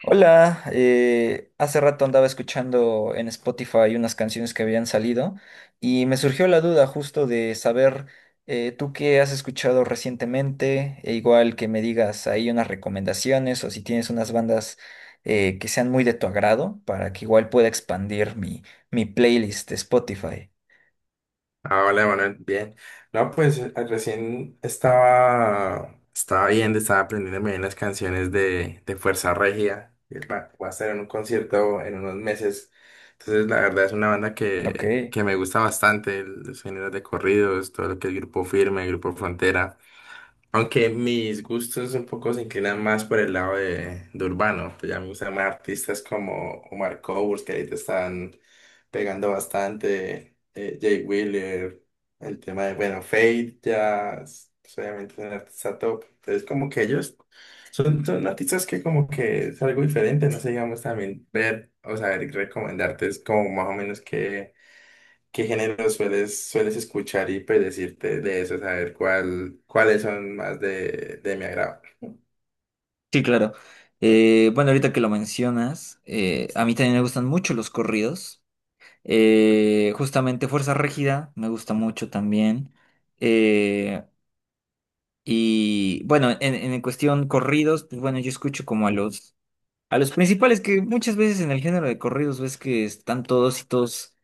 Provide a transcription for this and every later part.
Hola, hace rato andaba escuchando en Spotify unas canciones que habían salido y me surgió la duda justo de saber tú qué has escuchado recientemente, e igual que me digas ahí unas recomendaciones o si tienes unas bandas que sean muy de tu agrado para que igual pueda expandir mi playlist de Spotify. Ah, hola, Manuel. Bien. No, pues recién estaba viendo, estaba aprendiéndome bien las canciones de Fuerza Regida. Que Va va a estar en un concierto en unos meses. Entonces, la verdad es una banda Ok. Que me gusta bastante, los géneros de corridos, todo lo que es Grupo Firme, Grupo Frontera. Aunque mis gustos un poco se inclinan más por el lado de urbano, pues ya me gustan más artistas como Omar Courtz, que ahorita están pegando bastante, Jay Wheeler, el tema de, bueno, Fate pues, obviamente es un artista top, entonces como que ellos son artistas que como que es algo diferente, no sé, digamos también ver, o saber recomendarte es como más o menos. ¿Qué género sueles escuchar y pues decirte de eso, saber cuáles son más de mi agrado? Sí, claro. Bueno, ahorita que lo mencionas, a mí también me gustan mucho los corridos. Justamente Fuerza Régida me gusta mucho también. Eh, y bueno, en cuestión corridos, pues bueno, yo escucho como a a los principales, que muchas veces en el género de corridos ves que están todos y todos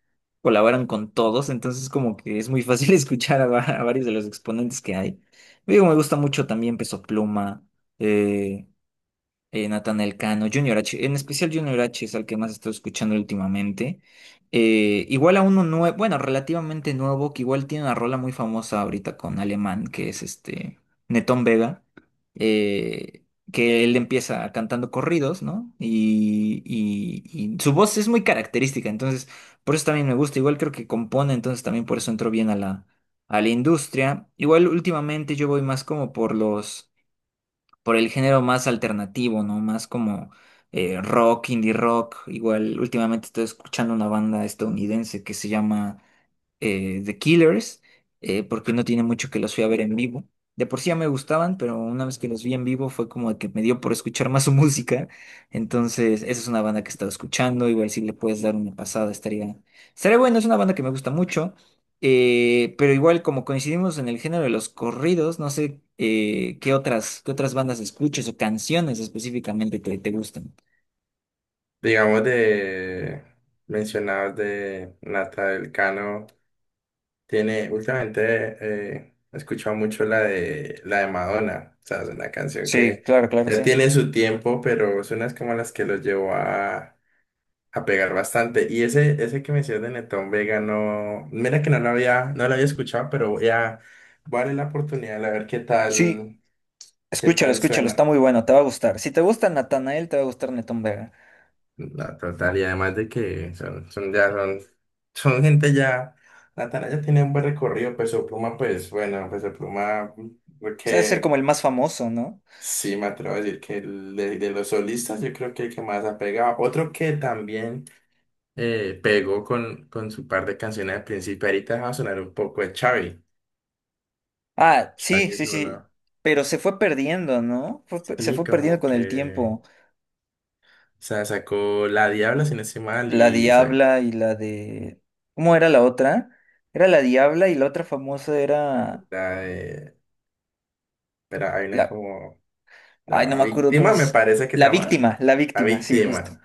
colaboran con todos. Entonces como que es muy fácil escuchar a, a varios de los exponentes que hay. Digo, me gusta mucho también Peso Pluma, eh, Natanael Cano, Junior H, en especial Junior H es al que más he estado escuchando últimamente. Igual a uno nuevo, bueno, relativamente nuevo, que igual tiene una rola muy famosa ahorita con Alemán, que es este Netón Vega, eh, que él empieza cantando corridos, ¿no? Y su voz es muy característica, entonces por eso también me gusta, igual creo que compone, entonces también por eso entró bien a a la industria. Igual últimamente yo voy más como por los por el género más alternativo, ¿no? Más como rock, indie rock. Igual últimamente estoy escuchando una banda estadounidense que se llama The Killers, porque no tiene mucho que los fui a ver en vivo. De por sí ya me gustaban, pero una vez que los vi en vivo fue como que me dio por escuchar más su música. Entonces, esa es una banda que he estado escuchando. Igual si le puedes dar una pasada, estaría bueno. Es una banda que me gusta mucho. Pero igual, como coincidimos en el género de los corridos, no sé, qué qué otras bandas escuches o canciones específicamente que te gustan. Digamos de mencionados de Nata del Cano, tiene últimamente he escuchado mucho la de Madonna, o sea, es una canción Sí, que claro, claro, ya sí. tiene su tiempo, pero es unas como las que lo llevó a pegar bastante. Y ese que mencionas de Netón Vega, no, mira que no lo había escuchado, pero voy a darle la oportunidad a ver Sí, qué tal escúchalo, está suena. muy bueno, te va a gustar. Si te gusta Natanael, te va a gustar Netón Vega. La total, y además de que son gente ya, Natana ya tiene un buen recorrido, Peso Pluma, pues bueno, Peso Pluma, O sea, debe ser porque como el más famoso, ¿no? sí me atrevo a decir que el de los solistas yo creo que el que más ha pegado. Otro que también pegó con su par de canciones al principio. Ahorita va a sonar un poco de Xavi. Ah, sí, Xavi es sí, uno. sí. Pero se fue perdiendo, ¿no? Se Sí, fue perdiendo como con el que. tiempo. O sea, sacó La Diabla, si no estoy mal, La y sacó Diabla y la de... ¿Cómo era la otra? Era la Diabla y la otra famosa era... la de. Pero hay una La... como. Ay, no La me acuerdo cómo Víctima, me es... parece que se llama. La La Víctima, sí, justo. Víctima.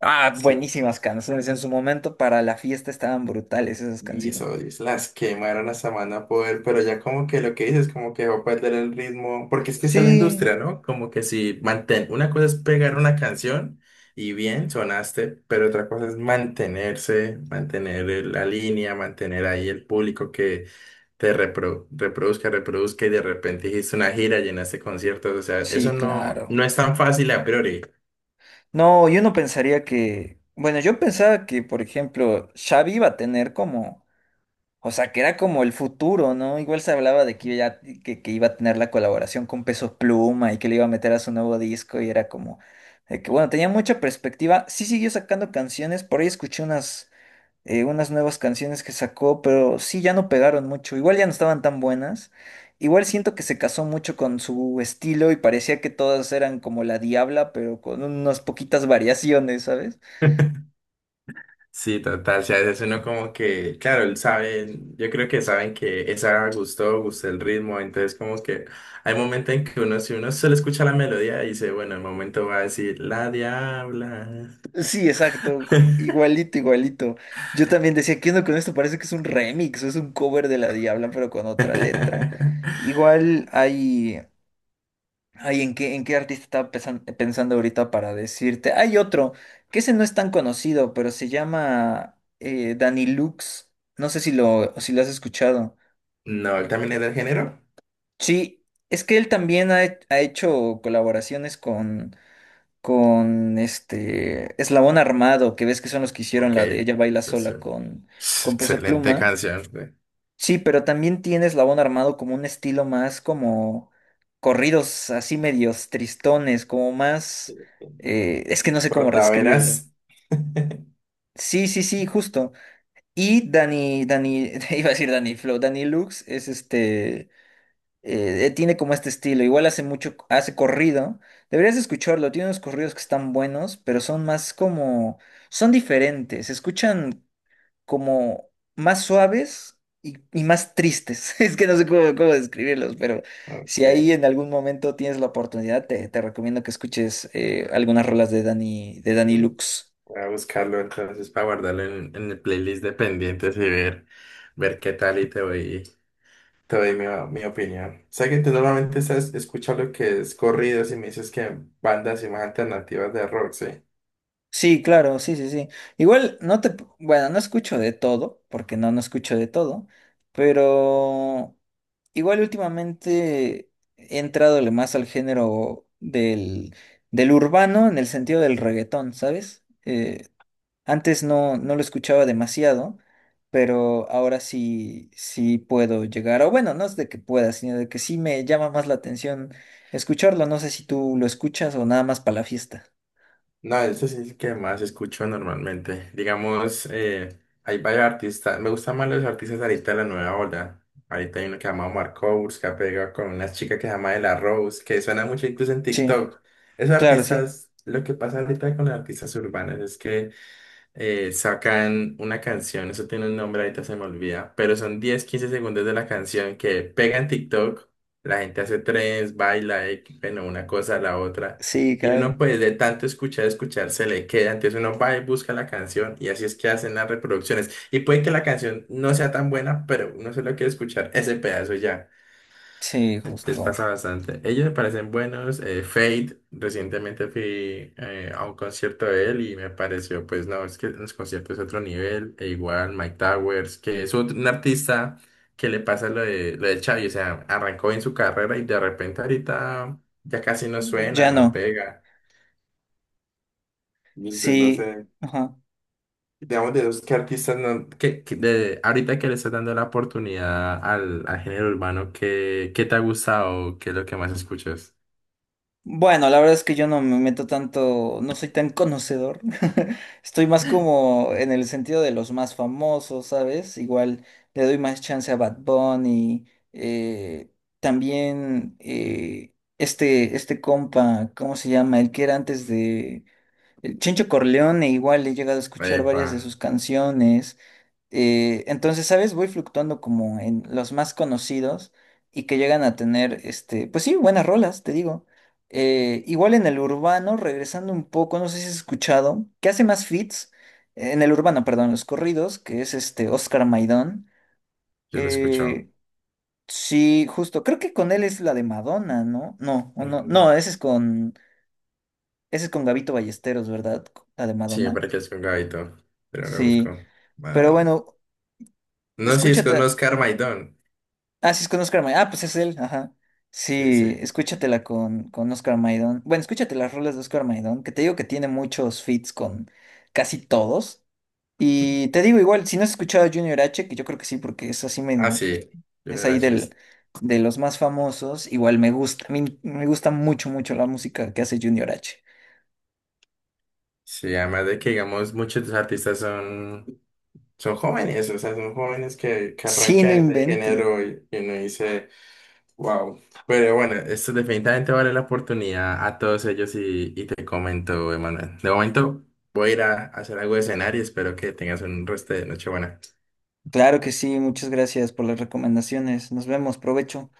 Ah, Sí. buenísimas canciones. En su momento para la fiesta estaban brutales esas Y canciones. Solis las quemaron a Samana Poder, pero ya como que lo que dices, como que va a perder el ritmo, porque es que esa es la Sí, industria, ¿no? Como que si mantén, una cosa es pegar una canción y bien, sonaste, pero otra cosa es mantenerse, mantener la línea, mantener ahí el público que reproduzca, reproduzca y de repente hiciste una gira, llenaste conciertos, o sea, sí, eso claro. no es tan fácil a priori. No, yo no pensaría que, bueno, yo pensaba que, por ejemplo, Xavi iba a tener como, o sea, que era como el futuro, ¿no? Igual se hablaba de ya, que iba a tener la colaboración con Pesos Pluma y que le iba a meter a su nuevo disco y era como, de que, bueno, tenía mucha perspectiva. Sí siguió sacando canciones, por ahí escuché unas unas nuevas canciones que sacó, pero sí, ya no pegaron mucho. Igual ya no estaban tan buenas. Igual siento que se casó mucho con su estilo y parecía que todas eran como la Diabla, pero con unas poquitas variaciones, ¿sabes? Sí, total, si a veces uno como que, claro, él sabe, yo creo que saben que esa gustó, gustó el ritmo, entonces como que hay momentos en que uno, si uno solo escucha la melodía, dice, bueno, el momento va a decir, la diabla. Sí, exacto, igualito, igualito. Yo también decía, ¿qué onda con esto? Parece que es un remix, es un cover de la Diabla, pero con otra letra. Igual hay, ay, en qué artista estaba pensando ahorita para decirte? Hay otro, que ese no es tan conocido, pero se llama Danny Lux. No sé si si lo has escuchado. No, él también es del género. Sí, es que él también ha, ha hecho colaboraciones con este Eslabón Armado, que ves que son los que hicieron Ok, la de Ella Baila sí, sí. Sola con Peso Excelente Pluma. canción, güey. Sí, pero también tiene Eslabón Armado como un estilo más como corridos así medios tristones, como más... es que no sé cómo Portaveras. reescribirlos. Sí, sí, sí, justo. Y Dani, Dani, iba a decir Dani Flow, Dani Lux es este... tiene como este estilo, igual hace mucho, hace corrido. Deberías escucharlo, tiene unos corridos que están buenos, pero son más como... Son diferentes, se escuchan como más suaves y más tristes. Es que no sé cómo, cómo describirlos, pero si Ok. ahí en algún momento tienes la oportunidad, te recomiendo que escuches, algunas rolas de Dani Lux. Voy a buscarlo entonces para guardarlo en el playlist de pendientes y ver, ver qué tal y te voy. Te doy mi opinión. Sé que tú normalmente estás escuchando lo que es corridos y me dices que bandas y más alternativas de rock, ¿sí? Sí, claro, sí, sí, sí. Igual no te, bueno, no escucho de todo, porque no escucho de todo, pero igual últimamente he entrado más al género del urbano, en el sentido del reggaetón, ¿sabes? Antes no, no lo escuchaba demasiado, pero ahora sí, sí puedo llegar, o bueno, no es de que pueda, sino de que sí me llama más la atención escucharlo. No sé si tú lo escuchas o nada más para la fiesta. No, eso sí es el que más escucho normalmente. Digamos, hay varios artistas. Me gustan más los artistas ahorita de la nueva ola. Ahorita hay uno que se llama Omar Courtz, que ha pegado con una chica que se llama De La Rose, que suena mucho incluso en Sí, TikTok. Esos claro, sí. artistas, lo que pasa ahorita con los artistas urbanos es que sacan una canción, eso tiene un nombre, ahorita se me olvida, pero son 10, 15 segundos de la canción que pega en TikTok, la gente hace trends, baila, bueno, una cosa a la otra, Sí, y uno claro. pues de tanto escuchar, escuchar, se le queda, entonces uno va y busca la canción, y así es que hacen las reproducciones, y puede que la canción no sea tan buena, pero uno solo quiere escuchar ese pedazo ya. Sí, Les justo. pasa bastante. Ellos me parecen buenos. Fade, recientemente fui a un concierto de él y me pareció, pues no, es que en los conciertos es otro nivel. E igual Mike Towers, que es un artista que le pasa lo lo de Xavi, o sea, arrancó bien su carrera y de repente ahorita ya casi no suena, Ya no no. pega. Y entonces no Sí. sé, Ajá. digamos de los que artistas no, ahorita que le estás dando la oportunidad al género urbano, ¿qué, qué te ha gustado? ¿Qué es lo que más escuchas? Bueno, la verdad es que yo no me meto tanto, no soy tan conocedor. Estoy más como en el sentido de los más famosos, ¿sabes? Igual le doy más chance a Bad Bunny. eh, también este compa, ¿cómo se llama? El que era antes de... el Chencho Corleone, igual he llegado a escuchar Epa. varias de sus canciones. Entonces, ¿sabes? Voy fluctuando como en los más conocidos y que llegan a tener, este, pues sí, buenas rolas, te digo. Igual en el urbano, regresando un poco, no sé si has escuchado, que hace más feats, en el urbano, perdón, los corridos, que es este Oscar Maidón. Yo lo he escuchado. Eh, sí, justo, creo que con él es la de Madonna, ¿no? No, o no, Ujú. no, ese es con Gabito Ballesteros, ¿verdad? La de Madonna. Siempre que es con Gabito. Pero ahora busco. Sí, Ah, pero no. bueno, No, sí, es con escúchate. Oscar Maidón. Ah, sí, es con Oscar Maidón. Ah, pues es él, ajá. Sí, Sí, sí. escúchatela con Oscar Maidón. Bueno, escúchate las rolas de Oscar Maidón, que te digo que tiene muchos feats con casi todos. Y te digo igual, si no has escuchado a Junior H, que yo creo que sí, porque es así, Ah, me, sí. es Junior ahí H del, es. de los más famosos, igual me gusta, a mí me gusta mucho, mucho la música que hace Junior H. Sí, además de que, digamos, muchos de los artistas son, son jóvenes, o sea, son jóvenes que Sí, no arrancan en ese inventes. género y uno dice, wow. Pero bueno, esto definitivamente vale la oportunidad a todos ellos y te comento, Emanuel. De momento voy a ir a hacer algo de cenar y espero que tengas un resto de noche buena. Claro que sí, muchas gracias por las recomendaciones. Nos vemos, provecho.